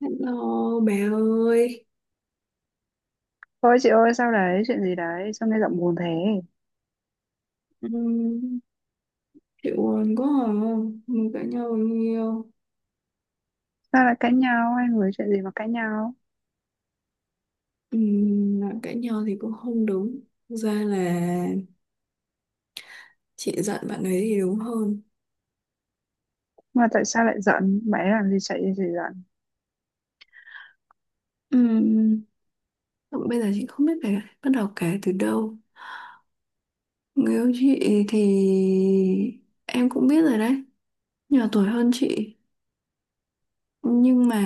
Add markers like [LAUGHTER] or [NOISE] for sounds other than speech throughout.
Hello bà ơi. Thôi chị ơi, sao đấy? Chuyện gì đấy? Sao nghe giọng buồn thế? Ừm. Chị buồn quá à? Mình cãi nhau bao nhiêu. Sao lại cãi nhau hai người? Chuyện gì mà cãi nhau? Nói cãi nhau thì cũng không đúng. Thực ra là chị giận bạn ấy thì đúng hơn. Mà tại sao lại giận bạn ấy làm gì, chạy gì giận Ừm, Bây giờ chị không biết phải bắt đầu kể từ đâu. Người yêu chị thì em cũng biết rồi đấy. Nhỏ tuổi hơn chị. Nhưng mà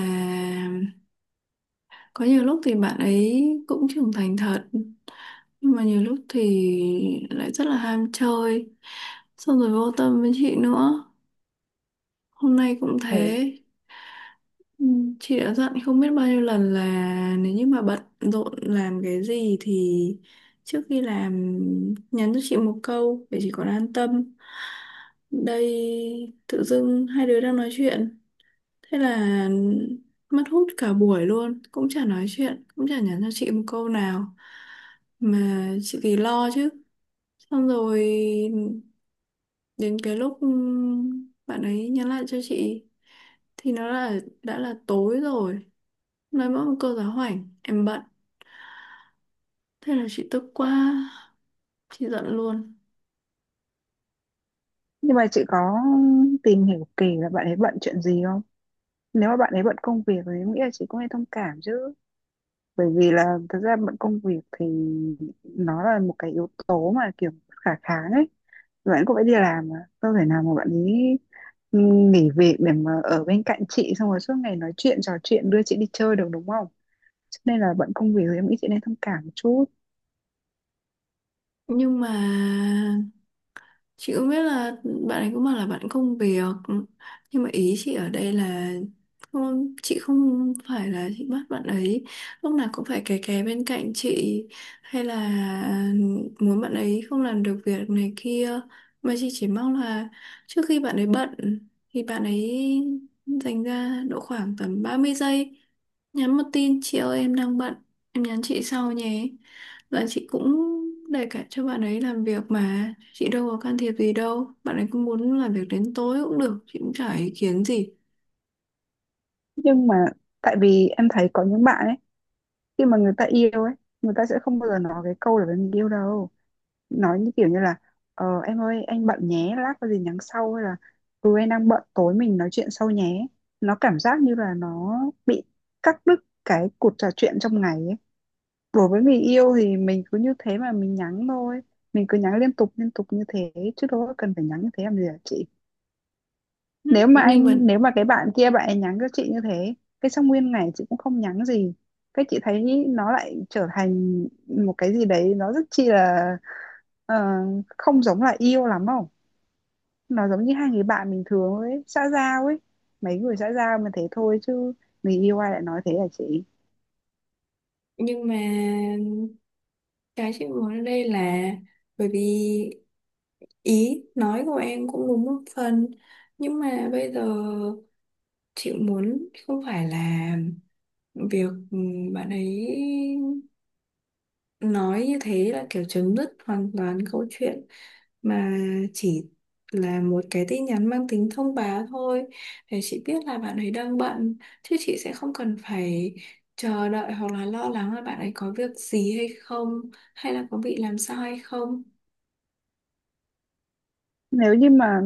có nhiều lúc thì bạn ấy cũng trưởng thành thật, nhưng mà nhiều lúc thì lại rất là ham chơi, xong rồi vô tâm với chị nữa. Hôm nay cũng thế? thế. Ừ, chị đã dặn không biết bao nhiêu lần là nếu như mà bận rộn làm cái gì thì trước khi làm, nhắn cho chị một câu để chị còn an tâm. Đây, tự dưng hai đứa đang nói chuyện, thế là mất hút cả buổi luôn, cũng chả nói chuyện, cũng chả nhắn cho chị một câu nào. Mà chị thì lo chứ. Xong rồi đến cái lúc bạn ấy nhắn lại cho chị thì nó là đã là tối rồi. Nói mỗi một câu giáo hoảnh, em bận. Thế là chị tức quá, chị giận luôn. Nhưng mà chị có tìm hiểu kỹ là bạn ấy bận chuyện gì không? Nếu mà bạn ấy bận công việc thì em nghĩ là chị cũng nên thông cảm chứ. Bởi vì là thực ra bận công việc thì nó là một cái yếu tố mà kiểu khả kháng ấy. Bạn cũng phải đi làm mà, đâu thể nào mà bạn ấy nghỉ việc để mà ở bên cạnh chị, xong rồi suốt ngày nói chuyện trò chuyện đưa chị đi chơi được, đúng không? Cho nên là bận công việc thì em nghĩ chị nên thông cảm một chút. Nhưng mà chị cũng biết là bạn ấy cũng bảo là bạn không việc. Nhưng mà ý chị ở đây là, không, chị không phải là chị bắt bạn ấy lúc nào cũng phải kè kè bên cạnh chị. Hay là ừ, muốn bạn ấy không làm được việc này kia. Mà chị chỉ mong là trước khi bạn ấy bận thì bạn ấy dành ra độ khoảng tầm 30 giây, nhắn một tin chị ơi em đang bận, em nhắn chị sau nhé. Dạ, chị cũng để cả cho bạn ấy làm việc mà, chị đâu có can thiệp gì đâu. Bạn ấy cũng muốn làm việc đến tối cũng được, chị cũng chả ý kiến gì. Nhưng mà tại vì em thấy có những bạn ấy, khi mà người ta yêu ấy, người ta sẽ không bao giờ nói cái câu là mình yêu đâu. Nói như kiểu như là em ơi anh bận nhé, lát có gì nhắn sau, hay là ừ anh đang bận tối mình nói chuyện sau nhé. Nó cảm giác như là nó bị cắt đứt cái cuộc trò chuyện trong ngày ấy. Đối với người yêu thì mình cứ như thế mà mình nhắn thôi, mình cứ nhắn liên tục như thế, chứ đâu có cần phải nhắn như thế làm gì hả chị? Ừ. nếu mà Nhưng mà anh nếu mà cái bạn kia bạn ấy nhắn cho chị như thế, cái xong nguyên ngày chị cũng không nhắn gì, cái chị thấy nó lại trở thành một cái gì đấy nó rất chi là ờ, không giống là yêu lắm không. Nó giống như hai người bạn bình thường ấy, xã giao ấy, mấy người xã giao mà thế thôi chứ, người yêu ai lại nói thế là chị. Nhưng mà cái chị muốn ở đây là, bởi vì ý nói của em cũng đúng một phần. Nhưng mà bây giờ, chị muốn không phải là việc bạn ấy nói như thế là kiểu chấm dứt hoàn toàn câu chuyện, mà chỉ là một cái tin nhắn mang tính thông báo thôi, để chị biết là bạn ấy đang bận, chứ chị sẽ không cần phải chờ đợi hoặc là lo lắng là bạn ấy có việc gì hay không, hay là có bị làm sao hay không. Nếu như mà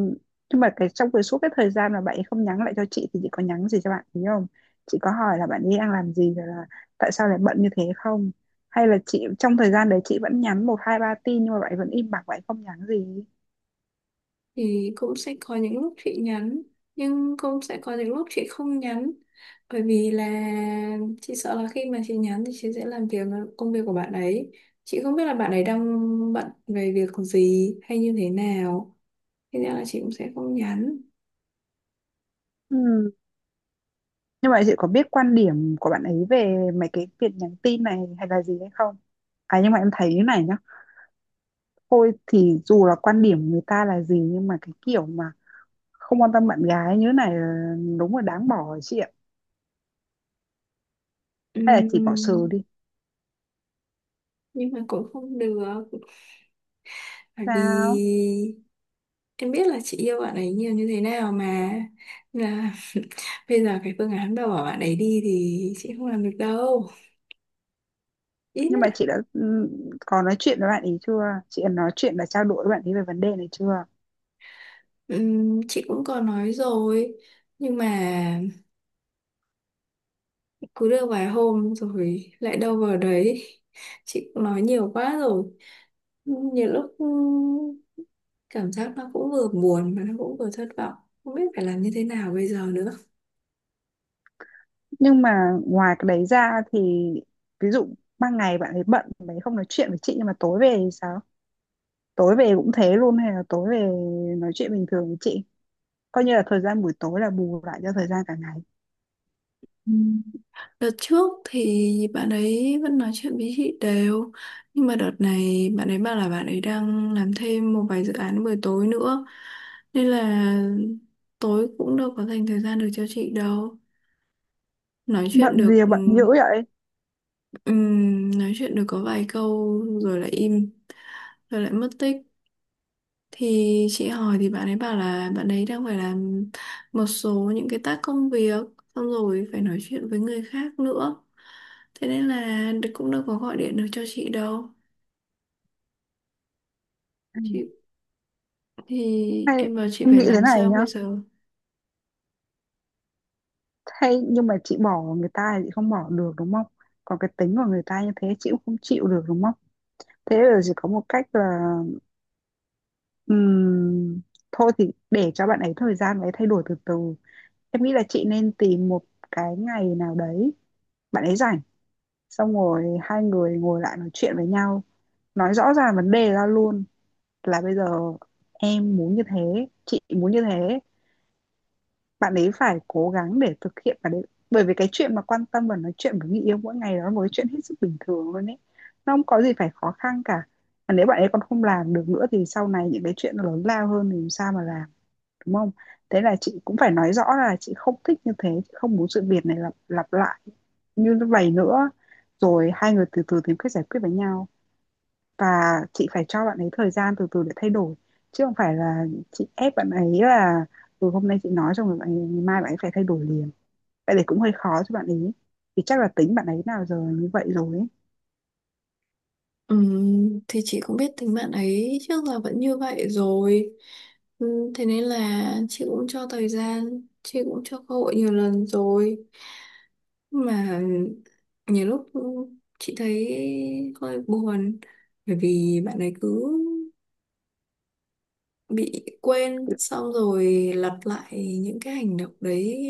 Nhưng mà cái trong cái suốt cái thời gian mà bạn ấy không nhắn lại cho chị thì chị có nhắn gì cho bạn ấy không? Chị có hỏi là bạn ấy đang làm gì rồi là tại sao lại bận như thế không? Hay là chị trong thời gian đấy chị vẫn nhắn một hai ba tin nhưng mà bạn ấy vẫn im bặt, bạn ấy không nhắn gì? Thì cũng sẽ có những lúc chị nhắn, nhưng cũng sẽ có những lúc chị không nhắn, bởi vì là chị sợ là khi mà chị nhắn thì chị sẽ công việc của bạn ấy, chị không biết là bạn ấy đang bận về việc gì hay như thế nào, thế nên là chị cũng sẽ không nhắn. Ừ. Nhưng mà chị có biết quan điểm của bạn ấy về mấy cái việc nhắn tin này hay là gì hay không? À, nhưng mà em thấy như này nhá. Thôi thì dù là quan điểm người ta là gì nhưng mà cái kiểu mà không quan tâm bạn gái như thế này là đúng là đáng bỏ chị ạ. Hay là chỉ bỏ sừ Ừm, đi. nhưng mà cũng không được, bởi Sao? vì em biết là chị yêu bạn ấy nhiều như thế nào mà. Nên là bây giờ cái phương án bảo bảo bạn ấy đi thì chị không làm được đâu, ít Nhưng mà nhất. chị đã có nói chuyện với bạn ấy chưa? Chị đã nói chuyện và trao đổi với bạn ấy về vấn đề này chưa? Chị cũng có nói rồi, nhưng mà cứ được vài hôm rồi lại đâu vào đấy. Chị cũng nói nhiều quá rồi, nhiều lúc cảm giác nó cũng vừa buồn mà nó cũng vừa thất vọng, không biết phải làm như thế nào bây giờ nữa. Nhưng mà ngoài cái đấy ra thì ví dụ ban ngày bạn ấy bận, bạn ấy không nói chuyện với chị, nhưng mà tối về thì sao? Tối về cũng thế luôn hay là tối về nói chuyện bình thường với chị? Coi như là thời gian buổi tối là bù lại cho thời gian cả ngày. Ừ. Đợt trước thì bạn ấy vẫn nói chuyện với chị đều, nhưng mà đợt này bạn ấy bảo là bạn ấy đang làm thêm một vài dự án buổi tối nữa, nên là tối cũng đâu có dành thời gian được cho chị đâu, nói Bận chuyện gì được mà bận dữ vậy? Nói chuyện được có vài câu rồi lại im, rồi lại mất tích. Thì chị hỏi thì bạn ấy bảo là bạn ấy đang phải làm một số những cái tác công việc, xong rồi phải nói chuyện với người khác nữa, thế nên là cũng đâu có gọi điện được cho chị đâu. Ừ. Chị thì Hay em bảo chị em phải nghĩ thế làm này sao nhá. bây giờ. Hay nhưng mà chị bỏ người ta thì chị không bỏ được đúng không? Còn cái tính của người ta như thế chị cũng không chịu được đúng không? Thế là chỉ có một cách là ừm, thôi thì để cho bạn ấy thời gian bạn ấy thay đổi từ từ. Em nghĩ là chị nên tìm một cái ngày nào đấy bạn ấy rảnh, xong rồi hai người ngồi lại nói chuyện với nhau, nói rõ ràng vấn đề ra luôn là bây giờ em muốn như thế, chị muốn như thế, bạn ấy phải cố gắng để thực hiện và đấy. Bởi vì cái chuyện mà quan tâm và nói chuyện với người yêu mỗi ngày đó là một cái chuyện hết sức bình thường luôn ấy, nó không có gì phải khó khăn cả. Và nếu bạn ấy còn không làm được nữa thì sau này những cái chuyện nó lớn lao hơn thì làm sao mà làm, đúng không? Thế là chị cũng phải nói rõ là chị không thích như thế, chị không muốn sự việc này lặp lặp lại như vậy nữa. Rồi hai người từ từ tìm cách giải quyết với nhau, và chị phải cho bạn ấy thời gian từ từ để thay đổi, chứ không phải là chị ép bạn ấy là từ hôm nay chị nói xong rồi bạn ấy, ngày mai bạn ấy phải thay đổi liền. Vậy thì cũng hơi khó cho bạn ấy, thì chắc là tính bạn ấy nào giờ như vậy rồi ấy. Thì chị cũng biết tính bạn ấy trước là vẫn như vậy rồi. Thế nên là chị cũng cho thời gian, chị cũng cho cơ hội nhiều lần rồi, mà nhiều lúc chị thấy hơi buồn, bởi vì bạn ấy cứ bị quên xong rồi lặp lại những cái hành động đấy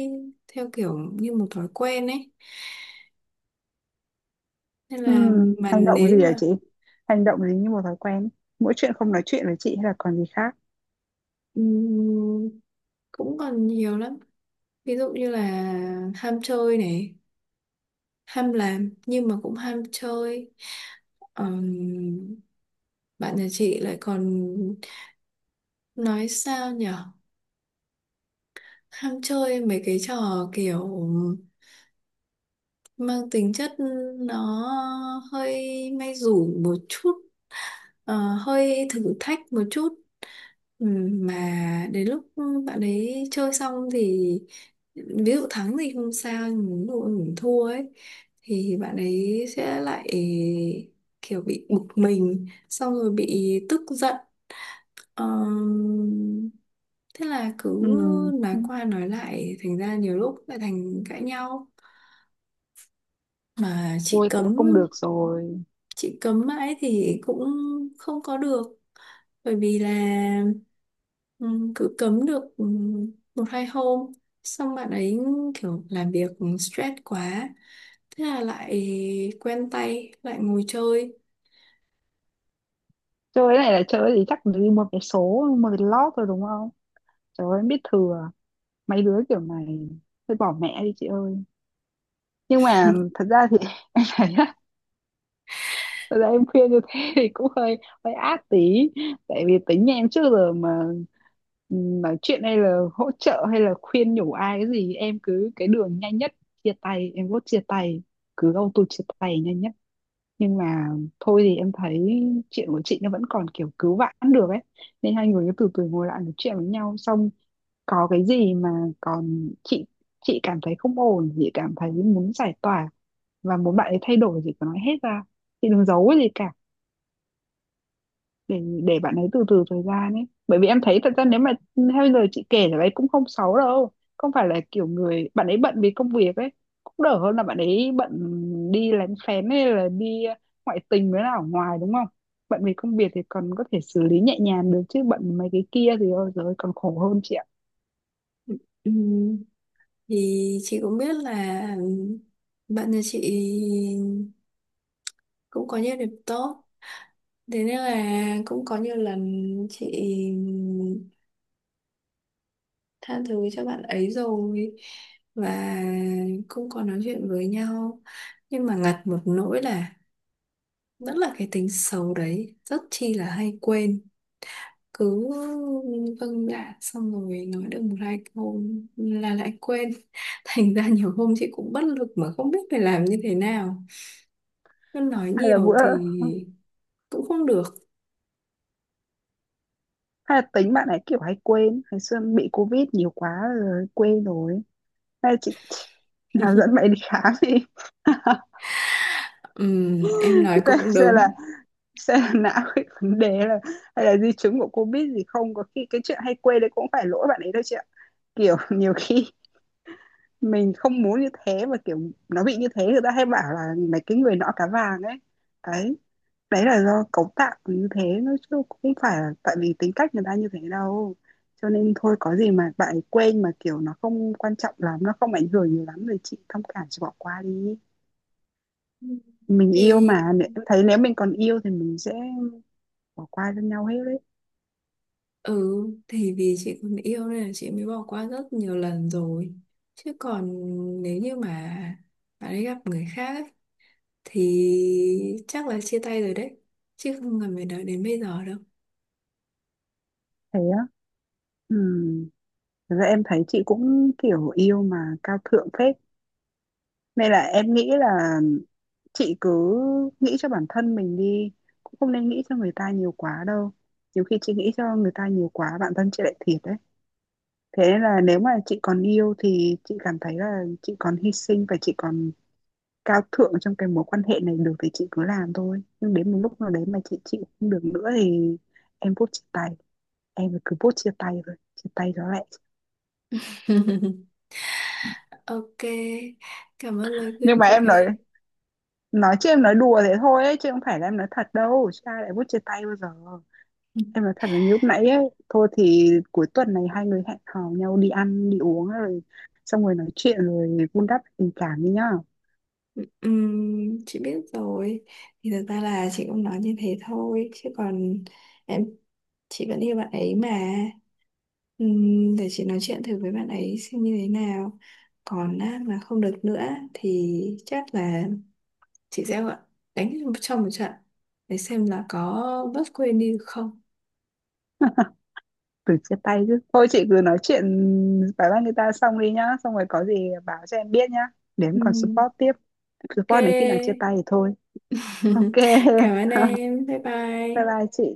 theo kiểu như một thói quen ấy. Nên là, mà Hành động nếu gì hả mà, chị? Hành động gì như một thói quen? Mỗi chuyện không nói chuyện với chị hay là còn gì khác? ừm, cũng còn nhiều lắm, ví dụ như là ham chơi này, ham làm nhưng mà cũng ham chơi. Ờm, Bạn nhà chị lại còn, nói sao nhở, ham chơi mấy cái trò kiểu mang tính chất nó hơi may rủi một chút, ờ, hơi thử thách một chút. Mà đến lúc bạn ấy chơi xong thì, ví dụ thắng thì không sao nhưng ví dụ mình thua ấy, thì bạn ấy sẽ lại kiểu bị bực mình xong rồi bị tức giận. Ờm, Thế là cứ Ừm, nói qua nói lại thành ra nhiều lúc lại thành cãi nhau. Mà chị Ui thì cấm, không được rồi. chị cấm mãi thì cũng không có được, bởi vì là cứ cấm được một hai hôm, xong bạn ấy kiểu làm việc stress quá, thế là lại quen tay lại ngồi chơi. Chơi cái này là chơi thì chắc phải đi một vé số một vé lót rồi đúng không? Trời ơi em biết thừa mấy đứa kiểu này, thôi bỏ mẹ đi chị ơi. Nhưng mà thật ra thì [LAUGHS] đấy á, thật ra em khuyên như thế thì cũng hơi hơi ác tí. Tại vì tính nhà em trước giờ mà nói chuyện hay là hỗ trợ hay là khuyên nhủ ai cái gì em cứ cái đường nhanh nhất, chia tay. Em vote chia tay, cứ auto chia tay nhanh nhất. Nhưng mà thôi thì em thấy chuyện của chị nó vẫn còn kiểu cứu vãn được ấy, nên hai người cứ từ từ ngồi lại nói chuyện với nhau, xong có cái gì mà còn chị cảm thấy không ổn, chị cảm thấy muốn giải tỏa và muốn bạn ấy thay đổi, chị cứ nói hết ra, chị đừng giấu cái gì cả. Để bạn ấy từ từ thời gian ấy, bởi vì em thấy thật ra nếu mà theo lời chị kể là bạn ấy cũng không xấu đâu. Không phải là kiểu người bạn ấy bận vì công việc ấy, cũng đỡ hơn là bạn ấy bận đi lén phén hay là đi ngoại tình với là ở ngoài đúng không? Bận vì công việc thì còn có thể xử lý nhẹ nhàng được chứ bận mấy cái kia thì ôi giời ơi, còn khổ hơn chị ạ. Ừm, thì chị cũng biết là bạn nhà chị cũng có nhiều điểm tốt, thế nên là cũng có nhiều lần chị tha thứ cho bạn ấy rồi, và không có nói chuyện với nhau. Nhưng mà ngặt một nỗi là vẫn là cái tính xấu đấy rất chi là hay quên, cứ vâng dạ xong rồi nói được một hai câu là lại quên [LAUGHS] thành ra nhiều hôm chị cũng bất lực mà không biết phải làm như thế nào. Cứ nói hay là nhiều bữa thì cũng không được. Hay là tính bạn ấy kiểu hay quên, ngày xưa bị covid nhiều quá rồi quên rồi. Hay là chị nào [LAUGHS] dẫn bạn ấy đi khám đi. [LAUGHS] Em nói Xem cũng đúng. xem là não [LAUGHS] bị vấn đề, là hay là di chứng của covid gì, không có khi cái chuyện hay quên đấy cũng phải lỗi bạn ấy đâu chị ạ. Kiểu [LAUGHS] nhiều khi mình không muốn như thế mà kiểu nó bị như thế, người ta hay bảo là mấy cái người nọ cá vàng ấy, đấy. Đấy là do cấu tạo như thế nó, chứ không phải là tại vì tính cách người ta như thế đâu. Cho nên thôi có gì mà bạn ấy quên mà kiểu nó không quan trọng lắm, nó không ảnh hưởng nhiều lắm rồi chị thông cảm chị bỏ qua đi. Mình yêu thì mà. Em thấy nếu mình còn yêu thì mình sẽ bỏ qua cho nhau hết đấy. Ừ, thì vì chị còn yêu nên là chị mới bỏ qua rất nhiều lần rồi. Chứ còn nếu như mà bạn ấy gặp người khác ấy, thì chắc là chia tay rồi đấy. Chứ không cần phải đợi đến bây giờ đâu. Thế á? Ừ. Thật ra em thấy chị cũng kiểu yêu mà cao thượng phết, nên là em nghĩ là chị cứ nghĩ cho bản thân mình đi, cũng không nên nghĩ cho người ta nhiều quá đâu. Nhiều khi chị nghĩ cho người ta nhiều quá bản thân chị lại thiệt đấy. Thế nên là nếu mà chị còn yêu thì chị cảm thấy là chị còn hy sinh và chị còn cao thượng trong cái mối quan hệ này được thì chị cứ làm thôi. Nhưng đến một lúc nào đấy mà chị chịu không được nữa thì em vote chia tay. Em cứ vote chia tay rồi, chia tay đó lại. [LAUGHS] Ok, cảm ơn lời Nhưng khuyên mà của em nói em. nói chứ em nói đùa thế thôi ấy, chứ không phải là em nói thật đâu. Chứ ai lại vote chia tay bao giờ. Em nói thật là như lúc nãy ấy, thôi thì cuối tuần này hai người hẹn hò nhau đi ăn, đi uống rồi xong rồi nói chuyện rồi vun đắp tình cảm đi nhá. Chị biết rồi, thì thật ra là chị cũng nói như thế thôi chứ còn em, chị vẫn yêu bạn ấy mà. Để chị nói chuyện thử với bạn ấy xem như thế nào, còn á, mà không được nữa thì chắc là chị sẽ đánh cho một trận để xem là có bớt quên đi được không. Từ chia tay chứ thôi chị cứ nói chuyện bài văn người ta xong đi nhá, xong rồi có gì báo cho em biết nhá, để em còn Ừm, support tiếp. ok. Support đến khi nào chia tay thì thôi. Ok. [LAUGHS] Cảm ơn em, bye [LAUGHS] Bye bye. bye chị.